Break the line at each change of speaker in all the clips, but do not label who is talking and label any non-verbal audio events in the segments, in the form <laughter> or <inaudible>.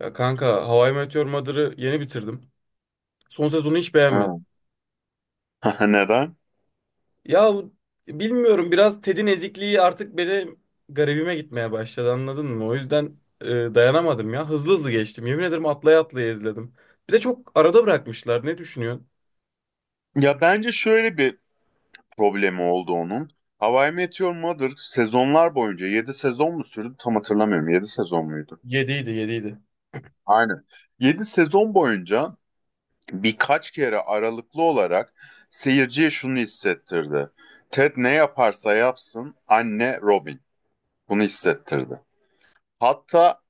Ya kanka, How I Met Your Mother'ı yeni bitirdim. Son sezonu hiç beğenmedim.
Ha. <laughs> Neden?
Ya, bilmiyorum, biraz Ted'in ezikliği artık beni garibime gitmeye başladı, anladın mı? O yüzden dayanamadım ya. Hızlı hızlı geçtim. Yemin ederim atlaya atlaya izledim. Bir de çok arada bırakmışlar. Ne düşünüyorsun?
Ya bence şöyle bir problemi oldu onun. How I Met Your Mother sezonlar boyunca yedi sezon mu sürdü tam hatırlamıyorum. Yedi sezon muydu?
Yediydi.
Aynen. 7 sezon boyunca birkaç kere aralıklı olarak seyirciye şunu hissettirdi. Ted ne yaparsa yapsın anne Robin. Bunu hissettirdi. Hatta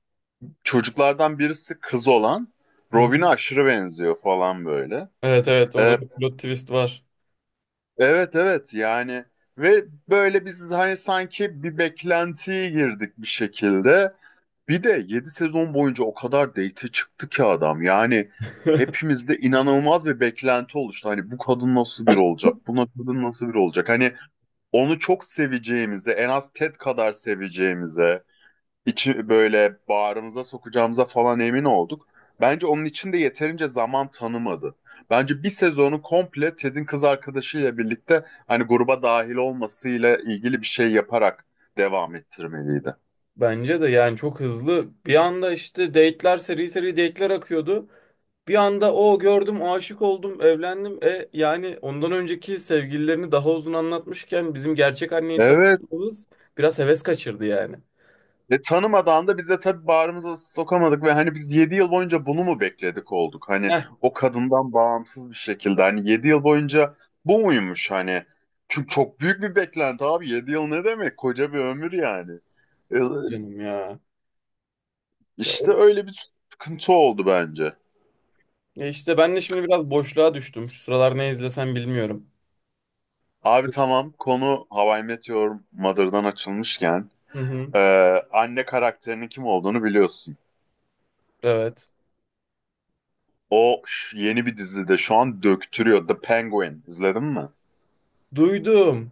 çocuklardan birisi kız olan
Hı hı.
Robin'e aşırı benziyor falan böyle.
Evet evet,
Ee,
orada bir plot twist var.
Evet evet yani ve böyle biz hani sanki bir beklentiye girdik bir şekilde. Bir de 7 sezon boyunca o kadar date çıktı ki adam. Yani hepimizde inanılmaz bir beklenti oluştu. Hani bu kadın nasıl biri olacak?
<laughs>
Bu kadın nasıl biri olacak? Hani onu çok seveceğimize, en az Ted kadar seveceğimize içi böyle bağrımıza sokacağımıza falan emin olduk. Bence onun için de yeterince zaman tanımadı. Bence bir sezonu komple Ted'in kız arkadaşıyla birlikte hani gruba dahil olmasıyla ilgili bir şey yaparak devam ettirmeliydi.
Bence de, yani çok hızlı. Bir anda işte date'ler, seri seri date'ler akıyordu. Bir anda o gördüm, aşık oldum, evlendim. E yani ondan önceki sevgililerini daha uzun anlatmışken bizim gerçek anneyi
Evet.
tanıdığımız biraz heves kaçırdı yani.
Tanımadan da biz de tabii bağrımıza sokamadık ve hani biz 7 yıl boyunca bunu mu bekledik olduk? Hani
Heh,
o kadından bağımsız bir şekilde hani 7 yıl boyunca bu muymuş hani? Çünkü çok büyük bir beklenti abi 7 yıl ne demek? Koca bir ömür yani. E,
canım ya. Ya, o,
İşte öyle bir sıkıntı oldu bence.
ya işte ben de şimdi biraz boşluğa düştüm. Şu sıralar ne izlesem bilmiyorum.
Abi tamam konu How I Met Your Mother'dan açılmışken
Hı hı.
e, anne karakterinin kim olduğunu biliyorsun.
Evet.
O yeni bir dizide şu an döktürüyor. The Penguin. İzledin mi?
Duydum.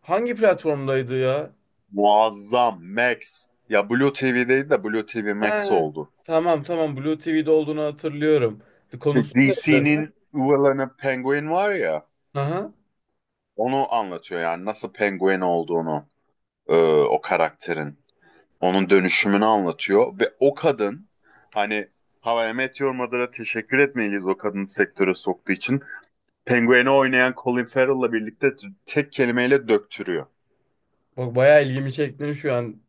Hangi platformdaydı ya?
Muazzam. Max. Ya Blue TV'deydi de Blue TV Max
He.
oldu.
Tamam tamam, Blue TV'de olduğunu hatırlıyorum. Konusu ne?
DC'nin Will'ını Penguin var ya
Aha.
onu anlatıyor yani nasıl Penguin olduğunu e, o karakterin. Onun dönüşümünü anlatıyor ve o kadın hani How I Met Your Mother'a teşekkür etmeliyiz o kadını sektöre soktuğu için. Penguin'i oynayan Colin Farrell'la birlikte tek kelimeyle döktürüyor.
Bak, bayağı ilgimi çektin şu an.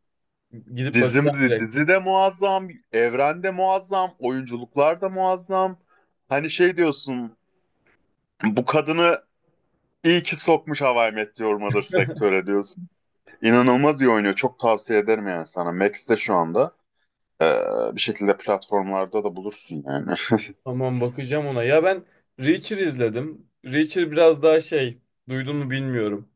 Gidip
Dizi,
bakacağım direkt.
dizi de muazzam, evrende muazzam, oyunculuklar da muazzam. Hani şey diyorsun, bu kadını iyi ki sokmuş How I Met Your Mother sektöre diyorsun. İnanılmaz iyi oynuyor. Çok tavsiye ederim yani sana. Max'te şu anda. Ee, bir şekilde platformlarda da bulursun yani.
Tamam, bakacağım ona. Ya ben Reacher izledim. Reacher biraz daha şey, duydun mu bilmiyorum.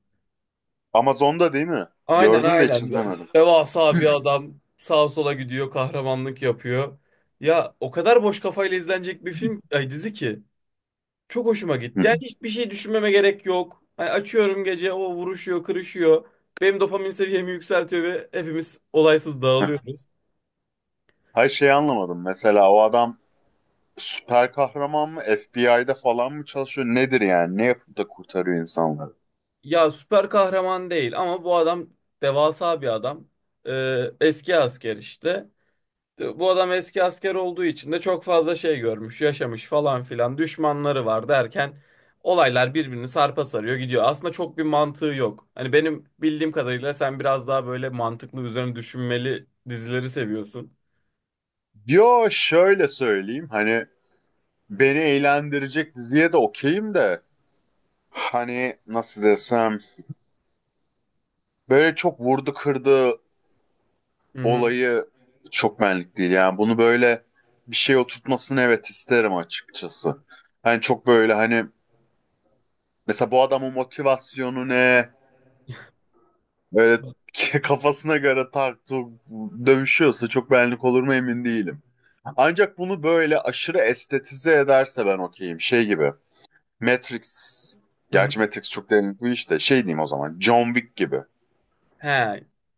Amazon'da değil mi?
Aynen
Gördüm de hiç
aynen.
izlemedim.
Devasa bir adam sağa sola gidiyor, kahramanlık yapıyor. Ya o kadar boş kafayla izlenecek bir film, ay dizi ki. Çok hoşuma
Hı.
gitti. Yani hiçbir şey düşünmeme gerek yok. Hani açıyorum, gece o vuruşuyor kırışıyor. Benim dopamin seviyemi yükseltiyor ve hepimiz olaysız
Heh.
dağılıyoruz.
Hayır şey anlamadım. Mesela o adam süper kahraman mı? FBI'de falan mı çalışıyor? Nedir yani? Ne yapıp da kurtarıyor insanları?
Ya süper kahraman değil ama bu adam devasa bir adam. Eski asker işte. Bu adam eski asker olduğu için de çok fazla şey görmüş, yaşamış falan filan. Düşmanları var derken olaylar birbirini sarpa sarıyor gidiyor. Aslında çok bir mantığı yok. Hani benim bildiğim kadarıyla sen biraz daha böyle mantıklı, üzerine düşünmeli dizileri seviyorsun.
Yo şöyle söyleyeyim. Hani beni eğlendirecek diziye de okeyim de. Hani nasıl desem. Böyle çok vurdu kırdı
Hı hı.
olayı çok benlik değil. Yani bunu böyle bir şey oturtmasını evet isterim açıkçası. Hani çok böyle hani mesela bu adamın motivasyonu ne? Böyle <laughs> kafasına göre tak tuk dövüşüyorsa çok benlik olur mu emin değilim. Ancak bunu böyle aşırı estetize ederse ben okeyim. Şey gibi. Matrix.
Hı hı.
Gerçi Matrix çok derinlik bir işte. Şey diyeyim o zaman. John Wick gibi.
He.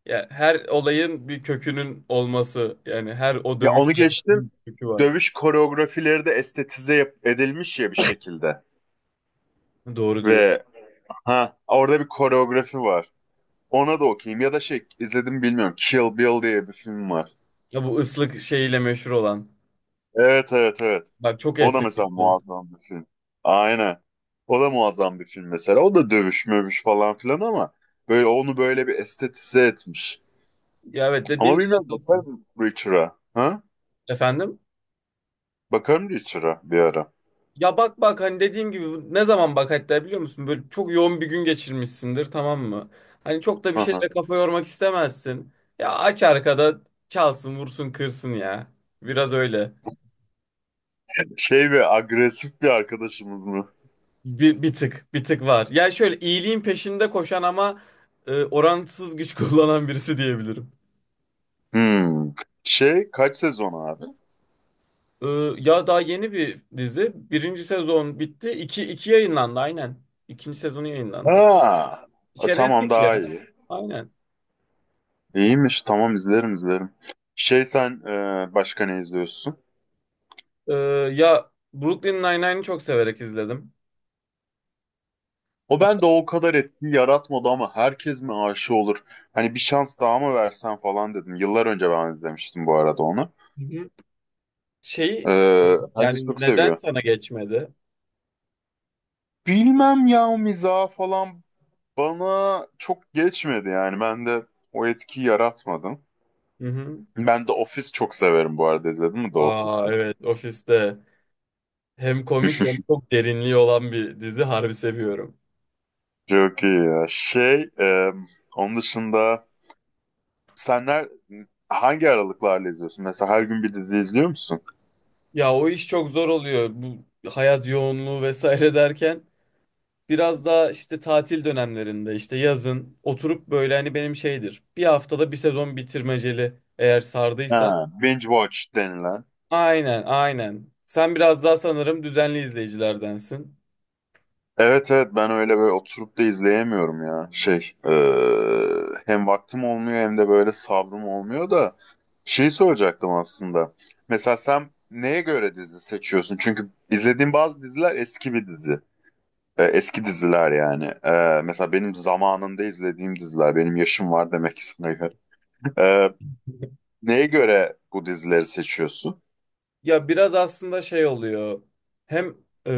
Ya her olayın bir kökünün olması, yani her o
Ya
dövüş
onu geçtim.
sahnesinin bir kökü var.
Dövüş koreografileri de estetize edilmiş ya bir şekilde.
Doğru diyorsun.
Ve ha orada bir koreografi var. Ona da okeyim. Ya da şey izledim bilmiyorum. Kill Bill diye bir film var.
Ya bu ıslık şeyiyle meşhur olan.
Evet evet evet.
Bak, çok
O da mesela
estetikli.
muazzam bir film. Aynen. O da muazzam bir film mesela. O da dövüş mövüş falan filan ama böyle onu böyle bir estetize etmiş.
Ya evet, dediğin
Ama
de
bilmiyorum
haklısın.
bakarım Richard'a. Ha?
Efendim?
Bakarım Richard'a bir ara.
Ya bak bak, hani dediğim gibi ne zaman bak, hatta biliyor musun? Böyle çok yoğun bir gün geçirmişsindir, tamam mı? Hani çok da bir
Hı hı.
şeyle kafa yormak istemezsin. Ya aç arkada, çalsın vursun kırsın ya. Biraz öyle.
Şey ve agresif bir arkadaşımız mı?
Bir tık var. Ya şöyle iyiliğin peşinde koşan ama orantısız güç <laughs> kullanan birisi diyebilirim.
Hmm. Şey kaç sezon abi?
Ee, ya daha yeni bir dizi. Birinci sezon bitti. İki yayınlandı aynen. İkinci sezonu yayınlandı.
Ha. E, tamam
Çerezlik ya.
daha iyi.
Aynen.
İyiymiş. Tamam izlerim izlerim. Şey sen başka ne izliyorsun?
Ee, ya Brooklyn Nine-Nine'i çok severek izledim.
O bende o kadar etki yaratmadı ama herkes mi aşı olur? Hani bir şans daha mı versen falan dedim. Yıllar önce ben izlemiştim bu arada onu.
Hı hı. Şeyi,
Herkes
yani
çok
neden
seviyor.
sana geçmedi?
Bilmem ya miza falan bana çok geçmedi yani. Ben de o etkiyi yaratmadım.
Hı hı.
Ben de Office çok severim bu arada. İzledin mi The
Aa
Office'i?
evet, ofiste. Hem komik hem
<laughs>
çok derinliği olan bir dizi, harbi seviyorum.
Çok iyi ya. Şey, onun dışında senler hangi aralıklarla izliyorsun? Mesela her gün bir dizi izliyor musun?
Ya o iş çok zor oluyor. Bu hayat yoğunluğu vesaire <laughs> derken biraz daha işte tatil dönemlerinde, işte yazın oturup böyle, hani benim şeydir: bir haftada bir sezon bitirmeceli, eğer sardıysa.
Ha, binge watch denilen.
Aynen aynen. Sen biraz daha sanırım düzenli izleyicilerdensin.
Evet evet ben öyle böyle oturup da izleyemiyorum ya. Şey hem vaktim olmuyor hem de böyle sabrım olmuyor da şeyi soracaktım aslında. Mesela sen neye göre dizi seçiyorsun? Çünkü izlediğim bazı diziler eski bir dizi. Eski diziler yani. Mesela benim zamanında izlediğim diziler. Benim yaşım var demek ki sana göre. <laughs> Ee, neye göre bu dizileri seçiyorsun?
Ya biraz aslında şey oluyor. Hem e,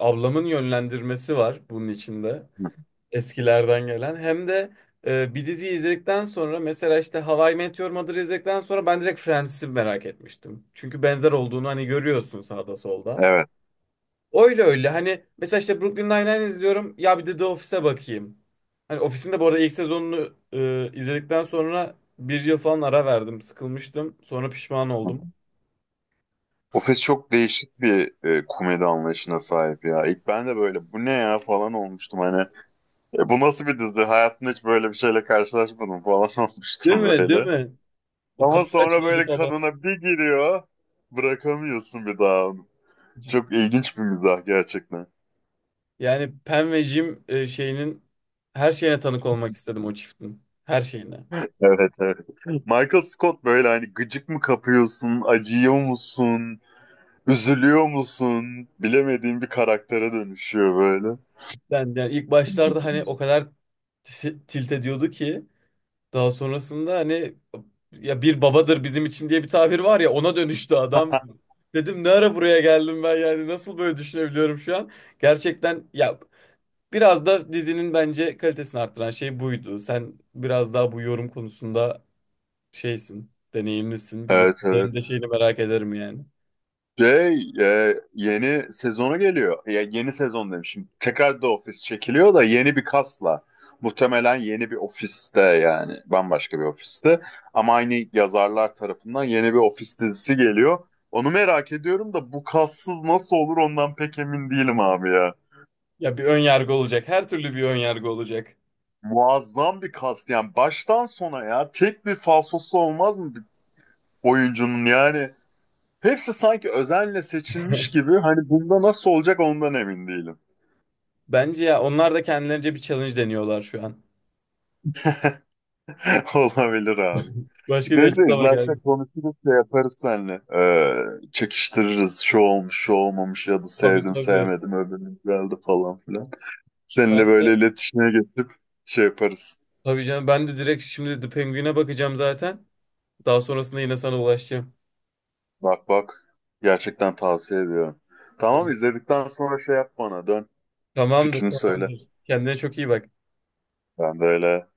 ablamın yönlendirmesi var bunun içinde.
Hı,
Eskilerden gelen. Hem de bir dizi izledikten sonra, mesela işte How I Met Your Mother'ı izledikten sonra ben direkt Friends'i merak etmiştim. Çünkü benzer olduğunu hani görüyorsun sağda solda.
evet.
Öyle öyle. Hani mesela işte Brooklyn Nine-Nine izliyorum. Ya bir de The Office'e bakayım. Hani Office'in de bu arada ilk sezonunu izledikten sonra bir yıl falan ara verdim. Sıkılmıştım. Sonra pişman oldum.
Ofis çok değişik bir komedi anlayışına sahip ya. İlk ben de böyle bu ne ya falan olmuştum hani. "E, bu nasıl bir dizi? Hayatımda hiç böyle bir şeyle karşılaşmadım falan <laughs>
Değil
olmuştum
mi? Değil
böyle.
mi? O
Ama
kamera
sonra
açıları
böyle
falan.
kanına bir giriyor. Bırakamıyorsun bir daha onu. Çok ilginç bir mizah gerçekten.
Yani Pen ve Jim şeyinin her şeyine tanık olmak istedim, o çiftin. Her şeyine.
Evet evet. Michael Scott böyle hani gıcık mı kapıyorsun, acıyor musun, üzülüyor musun bilemediğin bir karaktere dönüşüyor böyle.
Ben yani ilk başlarda hani o kadar tilt ediyordu ki. Daha sonrasında hani, ya bir babadır bizim için diye bir tabir var ya, ona dönüştü adam.
<laughs>
Dedim ne ara buraya geldim ben, yani nasıl böyle düşünebiliyorum şu an? Gerçekten ya, biraz da dizinin bence kalitesini arttıran şey buydu. Sen biraz daha bu yorum konusunda şeysin, deneyimlisin. Bilmiyorum.
Evet evet.
Senin de şeyini merak ederim yani.
Şey, yeni sezonu geliyor. Ya yeni sezon demişim. Tekrar da ofis çekiliyor da yeni bir kasla. Muhtemelen yeni bir ofiste yani bambaşka bir ofiste. Ama aynı yazarlar tarafından yeni bir ofis dizisi geliyor. Onu merak ediyorum da bu kassız nasıl olur ondan pek emin değilim abi ya.
Ya bir ön yargı olacak. Her türlü bir ön yargı olacak.
Muazzam bir kast yani baştan sona ya tek bir falsosu olmaz mı bir oyuncunun yani. Hepsi sanki özenle seçilmiş
<laughs>
gibi hani bunda nasıl olacak ondan emin değilim.
Bence ya, onlar da kendilerince bir challenge deniyorlar şu an.
<laughs> Olabilir abi.
<laughs> Başka bir
Ne de
açıklama
zaten
geldi.
konuşuruz şey yaparız seninle. Çekiştiririz şu olmuş şu olmamış ya da
Tabii
sevdim
tabii.
sevmedim öbürünün geldi falan filan. Seninle
Ben
böyle
de
iletişime geçip şey yaparız.
tabii canım, ben de direkt şimdi The Penguin'e bakacağım zaten. Daha sonrasında yine sana ulaşacağım.
Bak bak gerçekten tavsiye ediyorum. Tamam izledikten sonra şey yap bana dön
Tamamdır,
fikrini söyle.
tamamdır. Kendine çok iyi bak.
Ben de öyle